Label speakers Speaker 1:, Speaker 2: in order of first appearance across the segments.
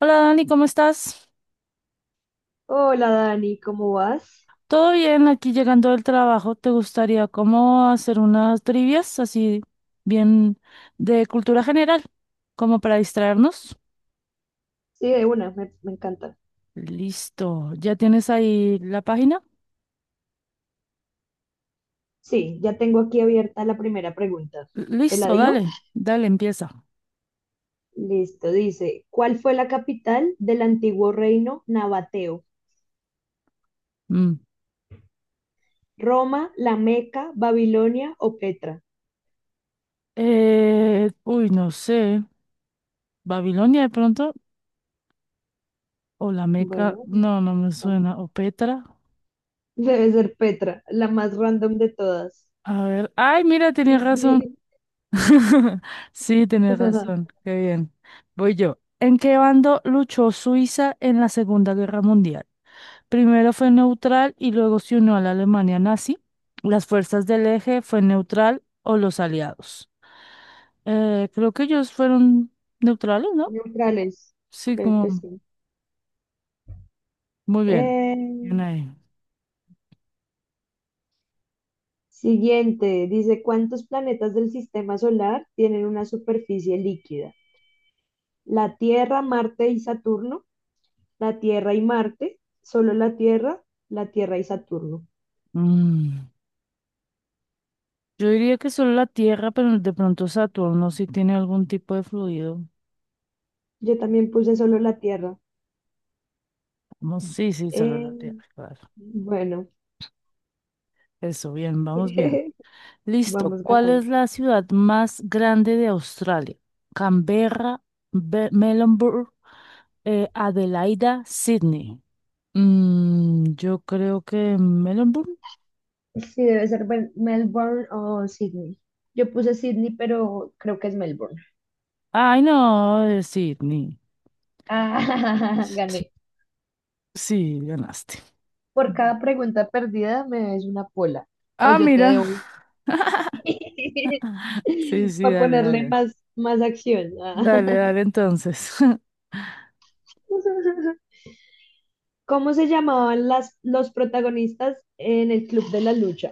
Speaker 1: Hola Dani, ¿cómo estás?
Speaker 2: Hola Dani, ¿cómo vas?
Speaker 1: ¿Todo bien? Aquí llegando del trabajo, ¿te gustaría cómo hacer unas trivias así bien de cultura general, como para distraernos?
Speaker 2: Sí, de una, me encanta.
Speaker 1: Listo, ¿ya tienes ahí la página?
Speaker 2: Sí, ya tengo aquí abierta la primera pregunta. ¿Te la
Speaker 1: Listo,
Speaker 2: digo?
Speaker 1: dale, empieza.
Speaker 2: Listo, dice, ¿cuál fue la capital del antiguo reino nabateo?
Speaker 1: Mm.
Speaker 2: ¿Roma, La Meca, Babilonia o Petra?
Speaker 1: Uy, no sé, Babilonia de pronto, o la Meca,
Speaker 2: Bueno,
Speaker 1: no, no me
Speaker 2: vamos.
Speaker 1: suena, o Petra.
Speaker 2: Debe ser Petra, la más random de todas.
Speaker 1: A ver, ay, mira, tenía
Speaker 2: Y
Speaker 1: razón.
Speaker 2: sí,
Speaker 1: Sí, tienes razón. Qué bien. Voy yo. ¿En qué bando luchó Suiza en la Segunda Guerra Mundial? Primero fue neutral y luego se unió a la Alemania nazi. Las fuerzas del eje, fue neutral o los aliados. Creo que ellos fueron neutrales, ¿no?
Speaker 2: neutrales,
Speaker 1: Sí,
Speaker 2: creo
Speaker 1: como
Speaker 2: que sí.
Speaker 1: muy bien.
Speaker 2: Eh,
Speaker 1: Bien ahí.
Speaker 2: Siguiente, dice, ¿cuántos planetas del sistema solar tienen una superficie líquida? ¿La Tierra, Marte y Saturno, la Tierra y Marte, solo la Tierra y Saturno?
Speaker 1: Mm, Yo diría que solo la Tierra, pero de pronto Saturno sí tiene algún tipo de fluido.
Speaker 2: Yo también puse solo la Tierra.
Speaker 1: Vamos, sí, sí, solo
Speaker 2: Eh,
Speaker 1: la Tierra, claro.
Speaker 2: bueno,
Speaker 1: Eso, bien, vamos bien. Listo.
Speaker 2: vamos
Speaker 1: ¿Cuál
Speaker 2: ganando.
Speaker 1: es la ciudad más grande de Australia? Canberra, Melbourne, Adelaida, Sydney. Mm, yo creo que Melbourne.
Speaker 2: Sí, debe ser Melbourne o Sydney. Yo puse Sydney, pero creo que es Melbourne.
Speaker 1: Ay, no, es Sydney.
Speaker 2: Ah, gané.
Speaker 1: Sí, ganaste.
Speaker 2: Por
Speaker 1: Va.
Speaker 2: cada pregunta perdida me debes una pola. O
Speaker 1: Ah,
Speaker 2: yo te
Speaker 1: mira.
Speaker 2: debo.
Speaker 1: Sí, sí,
Speaker 2: Para
Speaker 1: dale,
Speaker 2: ponerle
Speaker 1: dale.
Speaker 2: más acción. Ah.
Speaker 1: Dale, entonces.
Speaker 2: ¿Cómo se llamaban los protagonistas en el Club de la Lucha?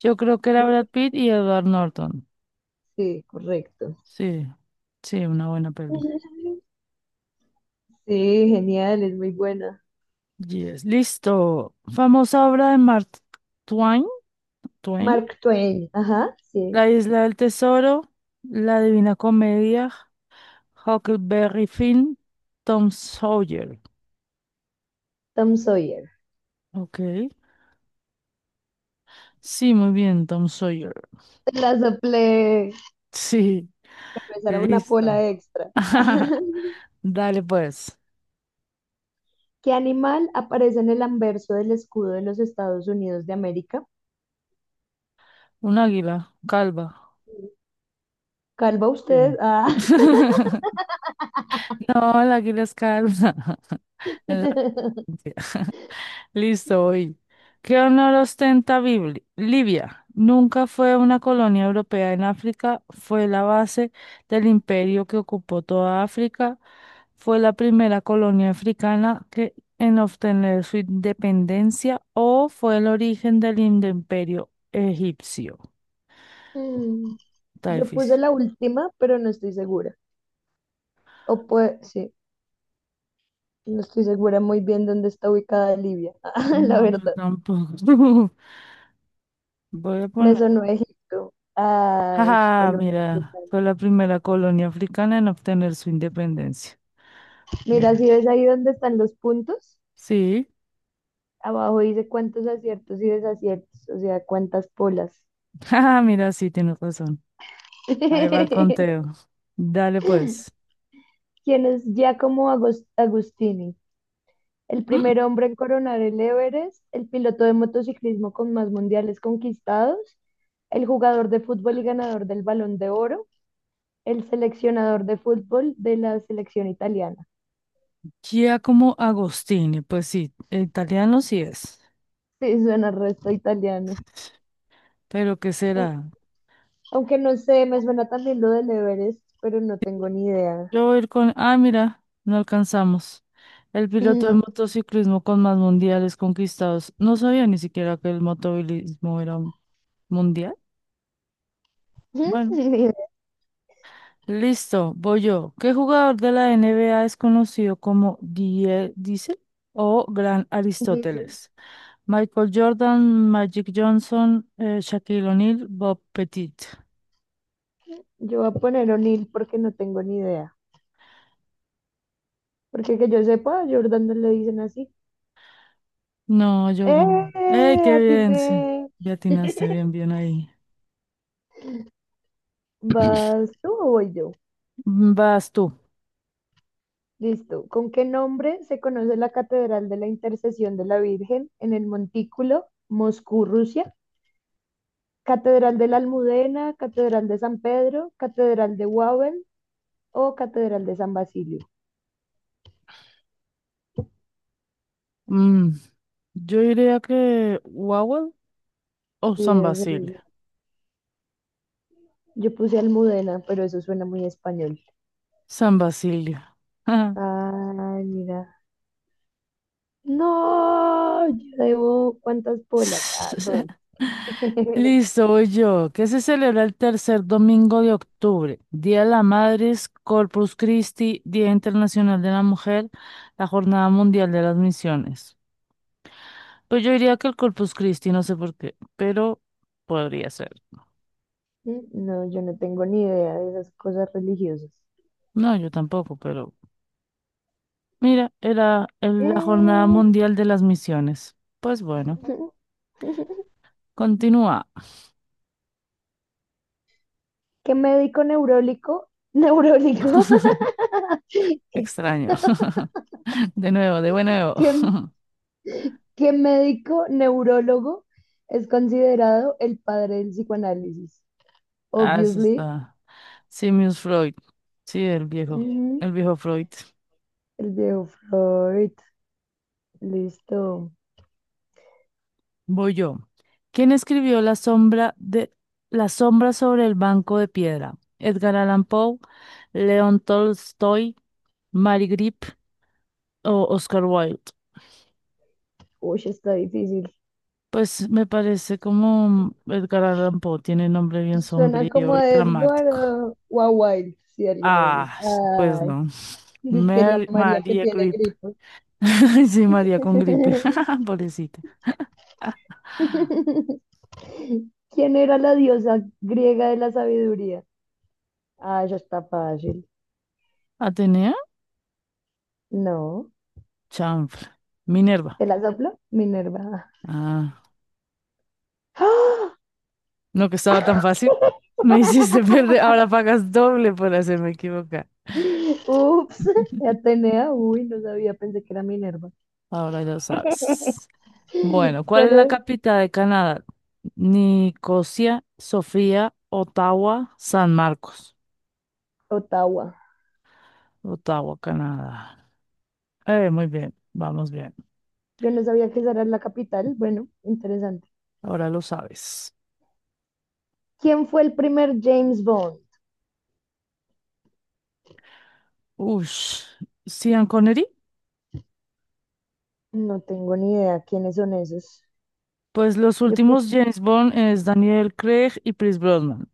Speaker 1: Yo creo que era
Speaker 2: Creo que
Speaker 1: Brad Pitt y Edward Norton.
Speaker 2: sí, correcto.
Speaker 1: Sí, sí, una buena peli.
Speaker 2: Sí, genial, es muy buena.
Speaker 1: Yes, listo. Famosa obra de Mark Twain. Twain,
Speaker 2: Mark Twain, ajá,
Speaker 1: La
Speaker 2: sí.
Speaker 1: Isla del Tesoro, La Divina Comedia, Huckleberry Finn, Tom Sawyer.
Speaker 2: Tom Sawyer.
Speaker 1: Ok. Sí, muy bien, Tom Sawyer.
Speaker 2: Te la soplé,
Speaker 1: Sí,
Speaker 2: pero esa era una
Speaker 1: listo.
Speaker 2: pola extra.
Speaker 1: Dale pues.
Speaker 2: ¿Qué animal aparece en el anverso del escudo de los Estados Unidos de América?
Speaker 1: Un águila calva.
Speaker 2: Calva usted.
Speaker 1: Sí.
Speaker 2: Ah.
Speaker 1: No, el águila es calva. El Listo, hoy. ¿Qué honor ostenta Libia? Nunca fue una colonia europea en África, fue la base del imperio que ocupó toda África, fue la primera colonia africana que, en obtener su independencia o fue el origen del imperio egipcio.
Speaker 2: Mm,
Speaker 1: Está
Speaker 2: yo puse
Speaker 1: difícil.
Speaker 2: la última, pero no estoy segura. O puede, sí. No estoy segura muy bien dónde está ubicada Libia, la
Speaker 1: No, yo
Speaker 2: verdad.
Speaker 1: tampoco. Voy a
Speaker 2: Me
Speaker 1: poner...
Speaker 2: sonó Egipto. Ay,
Speaker 1: Jaja,
Speaker 2: Colombia. Qué
Speaker 1: mira,
Speaker 2: tal.
Speaker 1: fue la primera colonia africana en obtener su independencia.
Speaker 2: Mira,
Speaker 1: Mira.
Speaker 2: si ves ahí dónde están los puntos,
Speaker 1: Sí.
Speaker 2: abajo dice cuántos aciertos y desaciertos, o sea, cuántas polas.
Speaker 1: Ah, mira, sí, tienes razón. Ahí va el
Speaker 2: ¿Quién
Speaker 1: conteo. Dale, pues.
Speaker 2: es Giacomo Agostini? ¿El
Speaker 1: Mm,
Speaker 2: primer hombre en coronar el Everest, el piloto de motociclismo con más mundiales conquistados, el jugador de fútbol y ganador del Balón de Oro, el seleccionador de fútbol de la selección italiana?
Speaker 1: Giacomo Agostini, pues sí, italiano sí es.
Speaker 2: Sí, suena resto italiano.
Speaker 1: Pero ¿qué
Speaker 2: Au-
Speaker 1: será?
Speaker 2: Aunque no sé, me suena también lo del Everest, pero no tengo ni idea.
Speaker 1: Yo voy a ir con... Ah, mira, no alcanzamos. El piloto de
Speaker 2: No,
Speaker 1: motociclismo con más mundiales conquistados. No sabía ni siquiera que el motovilismo era un mundial. Bueno,
Speaker 2: ni idea.
Speaker 1: listo, voy yo. ¿Qué jugador de la NBA es conocido como Die Diesel o Gran
Speaker 2: Dicen,
Speaker 1: Aristóteles? Michael Jordan, Magic Johnson, Shaquille O'Neal, Bob Pettit.
Speaker 2: yo voy a poner O'Neill porque no tengo ni idea. Porque que yo sepa, a Jordan no le dicen así.
Speaker 1: No, Jordan. ¡Ey,
Speaker 2: ¡Eh!
Speaker 1: qué bien! Sí,
Speaker 2: Atiné.
Speaker 1: ya atinaste, bien, bien ahí.
Speaker 2: ¿Vas tú o voy yo?
Speaker 1: Mm, vas tú.
Speaker 2: Listo. ¿Con qué nombre se conoce la Catedral de la Intercesión de la Virgen en el Montículo, Moscú, Rusia? ¿Catedral de la Almudena, Catedral de San Pedro, Catedral de Wawel, o Catedral de San Basilio?
Speaker 1: Mm, yo diría que Wawel o
Speaker 2: Sí,
Speaker 1: San
Speaker 2: debe ser
Speaker 1: Basilio.
Speaker 2: esa. Yo puse Almudena, pero eso suena muy español.
Speaker 1: San Basilio.
Speaker 2: Ay, mira. No, yo debo cuántas polas. Ah, dos.
Speaker 1: Listo, voy yo. ¿Qué se celebra el tercer domingo de octubre? Día de la Madre, Corpus Christi, Día Internacional de la Mujer, la Jornada Mundial de las Misiones. Pues yo diría que el Corpus Christi, no sé por qué, pero podría ser.
Speaker 2: No, yo no tengo ni idea de esas cosas religiosas.
Speaker 1: No, yo tampoco, pero mira, era la Jornada
Speaker 2: Eh,
Speaker 1: Mundial de las Misiones. Pues bueno, continúa.
Speaker 2: ¿Qué médico neurólico? Neurólico.
Speaker 1: Qué extraño. De nuevo, de nuevo.
Speaker 2: ¿Qué, ¿qué médico neurólogo es considerado el padre del psicoanálisis?
Speaker 1: Ah, eso
Speaker 2: Obviously.
Speaker 1: está. Sigmund Freud. Sí, el viejo Freud.
Speaker 2: El viejo Freud. Listo.
Speaker 1: Voy yo. ¿Quién escribió La sombra sobre el banco de piedra? Edgar Allan Poe, León Tolstoy, Mary Grip o Oscar Wilde.
Speaker 2: Uy, está difícil.
Speaker 1: Pues me parece como Edgar Allan Poe tiene nombre bien
Speaker 2: Suena como
Speaker 1: sombrío y
Speaker 2: a Edgar
Speaker 1: dramático.
Speaker 2: o a Wilde, si alguno de ellos.
Speaker 1: Ah, pues
Speaker 2: Ay,
Speaker 1: no.
Speaker 2: dice que la María que
Speaker 1: María
Speaker 2: tiene
Speaker 1: Grip.
Speaker 2: gripe.
Speaker 1: Sí, María con gripe. Pobrecita.
Speaker 2: ¿Quién era la diosa griega de la sabiduría? Ah, eso está fácil.
Speaker 1: ¿Atenea?
Speaker 2: No.
Speaker 1: Chanfla. Minerva.
Speaker 2: ¿Te la soplo? Minerva.
Speaker 1: Ah,
Speaker 2: ¡Ah!
Speaker 1: no que estaba tan fácil. Me hiciste perder. Ahora pagas doble por hacerme equivocar.
Speaker 2: Ups. Atenea. Uy, no sabía. Pensé que era Minerva.
Speaker 1: Ahora lo sabes. Bueno, ¿cuál es
Speaker 2: ¿Cuál
Speaker 1: la
Speaker 2: era?
Speaker 1: capital de Canadá? Nicosia, Sofía, Ottawa, San Marcos.
Speaker 2: Ottawa.
Speaker 1: Ottawa, Canadá. Muy bien, vamos bien.
Speaker 2: Yo no sabía que esa era la capital. Bueno, interesante.
Speaker 1: Ahora lo sabes.
Speaker 2: ¿Quién fue el primer James Bond?
Speaker 1: Ush. Sean Connery.
Speaker 2: No tengo ni idea quiénes son esos.
Speaker 1: Pues los
Speaker 2: Yo
Speaker 1: últimos
Speaker 2: puse,
Speaker 1: James Bond es Daniel Craig y Pierce Brosnan.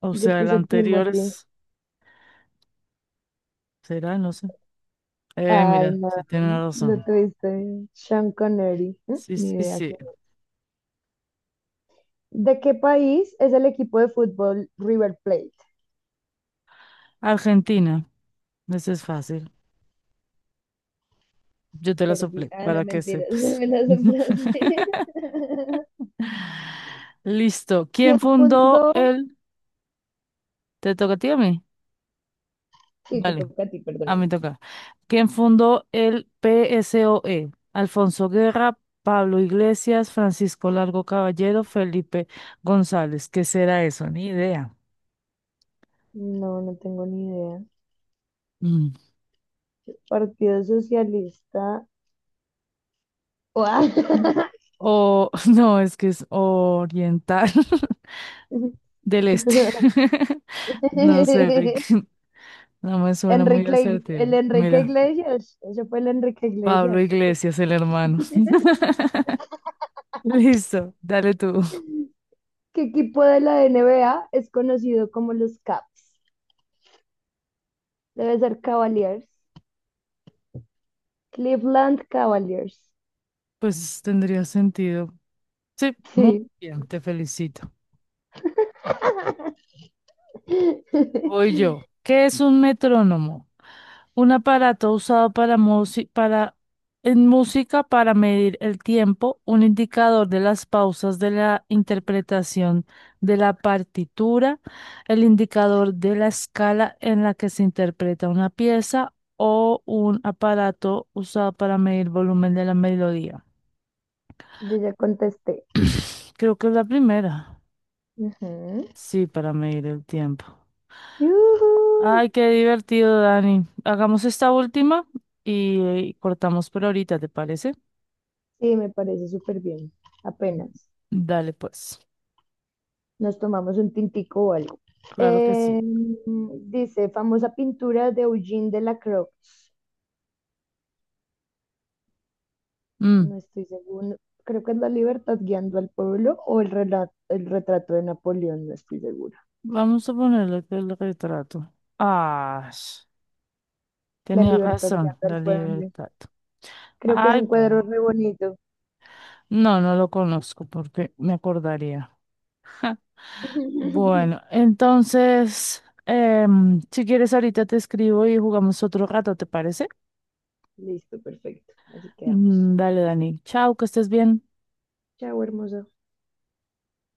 Speaker 1: O
Speaker 2: yo
Speaker 1: sea, el
Speaker 2: puse
Speaker 1: anterior
Speaker 2: Timothy.
Speaker 1: es... ¿Será? No sé.
Speaker 2: Ay,
Speaker 1: Mira,
Speaker 2: no,
Speaker 1: sí tiene
Speaker 2: lo
Speaker 1: razón.
Speaker 2: tuviste. Bien. Sean Connery. ¿Mm?
Speaker 1: Sí,
Speaker 2: Ni
Speaker 1: sí,
Speaker 2: idea
Speaker 1: sí.
Speaker 2: quién. ¿De qué país es el equipo de fútbol River Plate?
Speaker 1: Argentina. Ese es fácil. Yo te la
Speaker 2: Perdí.
Speaker 1: soplé
Speaker 2: Ah, no,
Speaker 1: para que
Speaker 2: mentira.
Speaker 1: sepas.
Speaker 2: Me las emplacé.
Speaker 1: Listo. ¿Quién
Speaker 2: ¿Quién
Speaker 1: fundó
Speaker 2: fundó?
Speaker 1: el... ¿Te toca a ti o a mí?
Speaker 2: Sí, te
Speaker 1: Vale.
Speaker 2: toca a ti,
Speaker 1: A mí
Speaker 2: perdóname.
Speaker 1: toca. ¿Quién fundó el PSOE? Alfonso Guerra, Pablo Iglesias, Francisco Largo Caballero, Felipe González. ¿Qué será eso? Ni idea.
Speaker 2: No, no tengo ni idea.
Speaker 1: Mm.
Speaker 2: Partido Socialista. Guau.
Speaker 1: O, no, es que es oriental del este. No sé, Rick. No me suena muy
Speaker 2: Enrique,
Speaker 1: acertado.
Speaker 2: el Enrique
Speaker 1: Mira,
Speaker 2: Iglesias, ese fue el Enrique
Speaker 1: Pablo
Speaker 2: Iglesias.
Speaker 1: Iglesias, el hermano. Listo, dale tú.
Speaker 2: ¿Qué equipo de la NBA es conocido como los Caps? Debe ser Cavaliers. Cleveland Cavaliers.
Speaker 1: Pues tendría sentido. Sí, muy
Speaker 2: Sí.
Speaker 1: bien, te felicito. Voy yo. ¿Qué es un metrónomo? Un aparato usado para en música para medir el tiempo, un indicador de las pausas de la interpretación de la partitura, el indicador de la escala en la que se interpreta una pieza o un aparato usado para medir volumen de la melodía.
Speaker 2: Yo ya contesté.
Speaker 1: Creo que es la primera.
Speaker 2: Ujú.
Speaker 1: Sí, para medir el tiempo.
Speaker 2: Yujú.
Speaker 1: Ay, qué divertido, Dani. Hagamos esta última y cortamos por ahorita, ¿te parece?
Speaker 2: Sí, me parece súper bien. Apenas
Speaker 1: Dale, pues.
Speaker 2: nos tomamos un tintico o algo.
Speaker 1: Claro que sí.
Speaker 2: Dice, famosa pintura de Eugene Delacroix.
Speaker 1: Mm,
Speaker 2: No estoy seguro. Creo que es La Libertad guiando al pueblo o el retrato de Napoleón, no estoy segura.
Speaker 1: vamos a ponerle acá el retrato. Ah,
Speaker 2: La
Speaker 1: tenía
Speaker 2: Libertad
Speaker 1: razón,
Speaker 2: guiando
Speaker 1: la
Speaker 2: al pueblo.
Speaker 1: libertad.
Speaker 2: Creo que es
Speaker 1: Ay,
Speaker 2: un cuadro
Speaker 1: bueno.
Speaker 2: re bonito.
Speaker 1: No, no lo conozco porque me acordaría. Bueno, entonces, si quieres ahorita te escribo y jugamos otro rato, ¿te parece?
Speaker 2: Listo, perfecto. Así quedamos.
Speaker 1: Mm, dale, Dani. Chao, que estés bien.
Speaker 2: Chao, hermoso.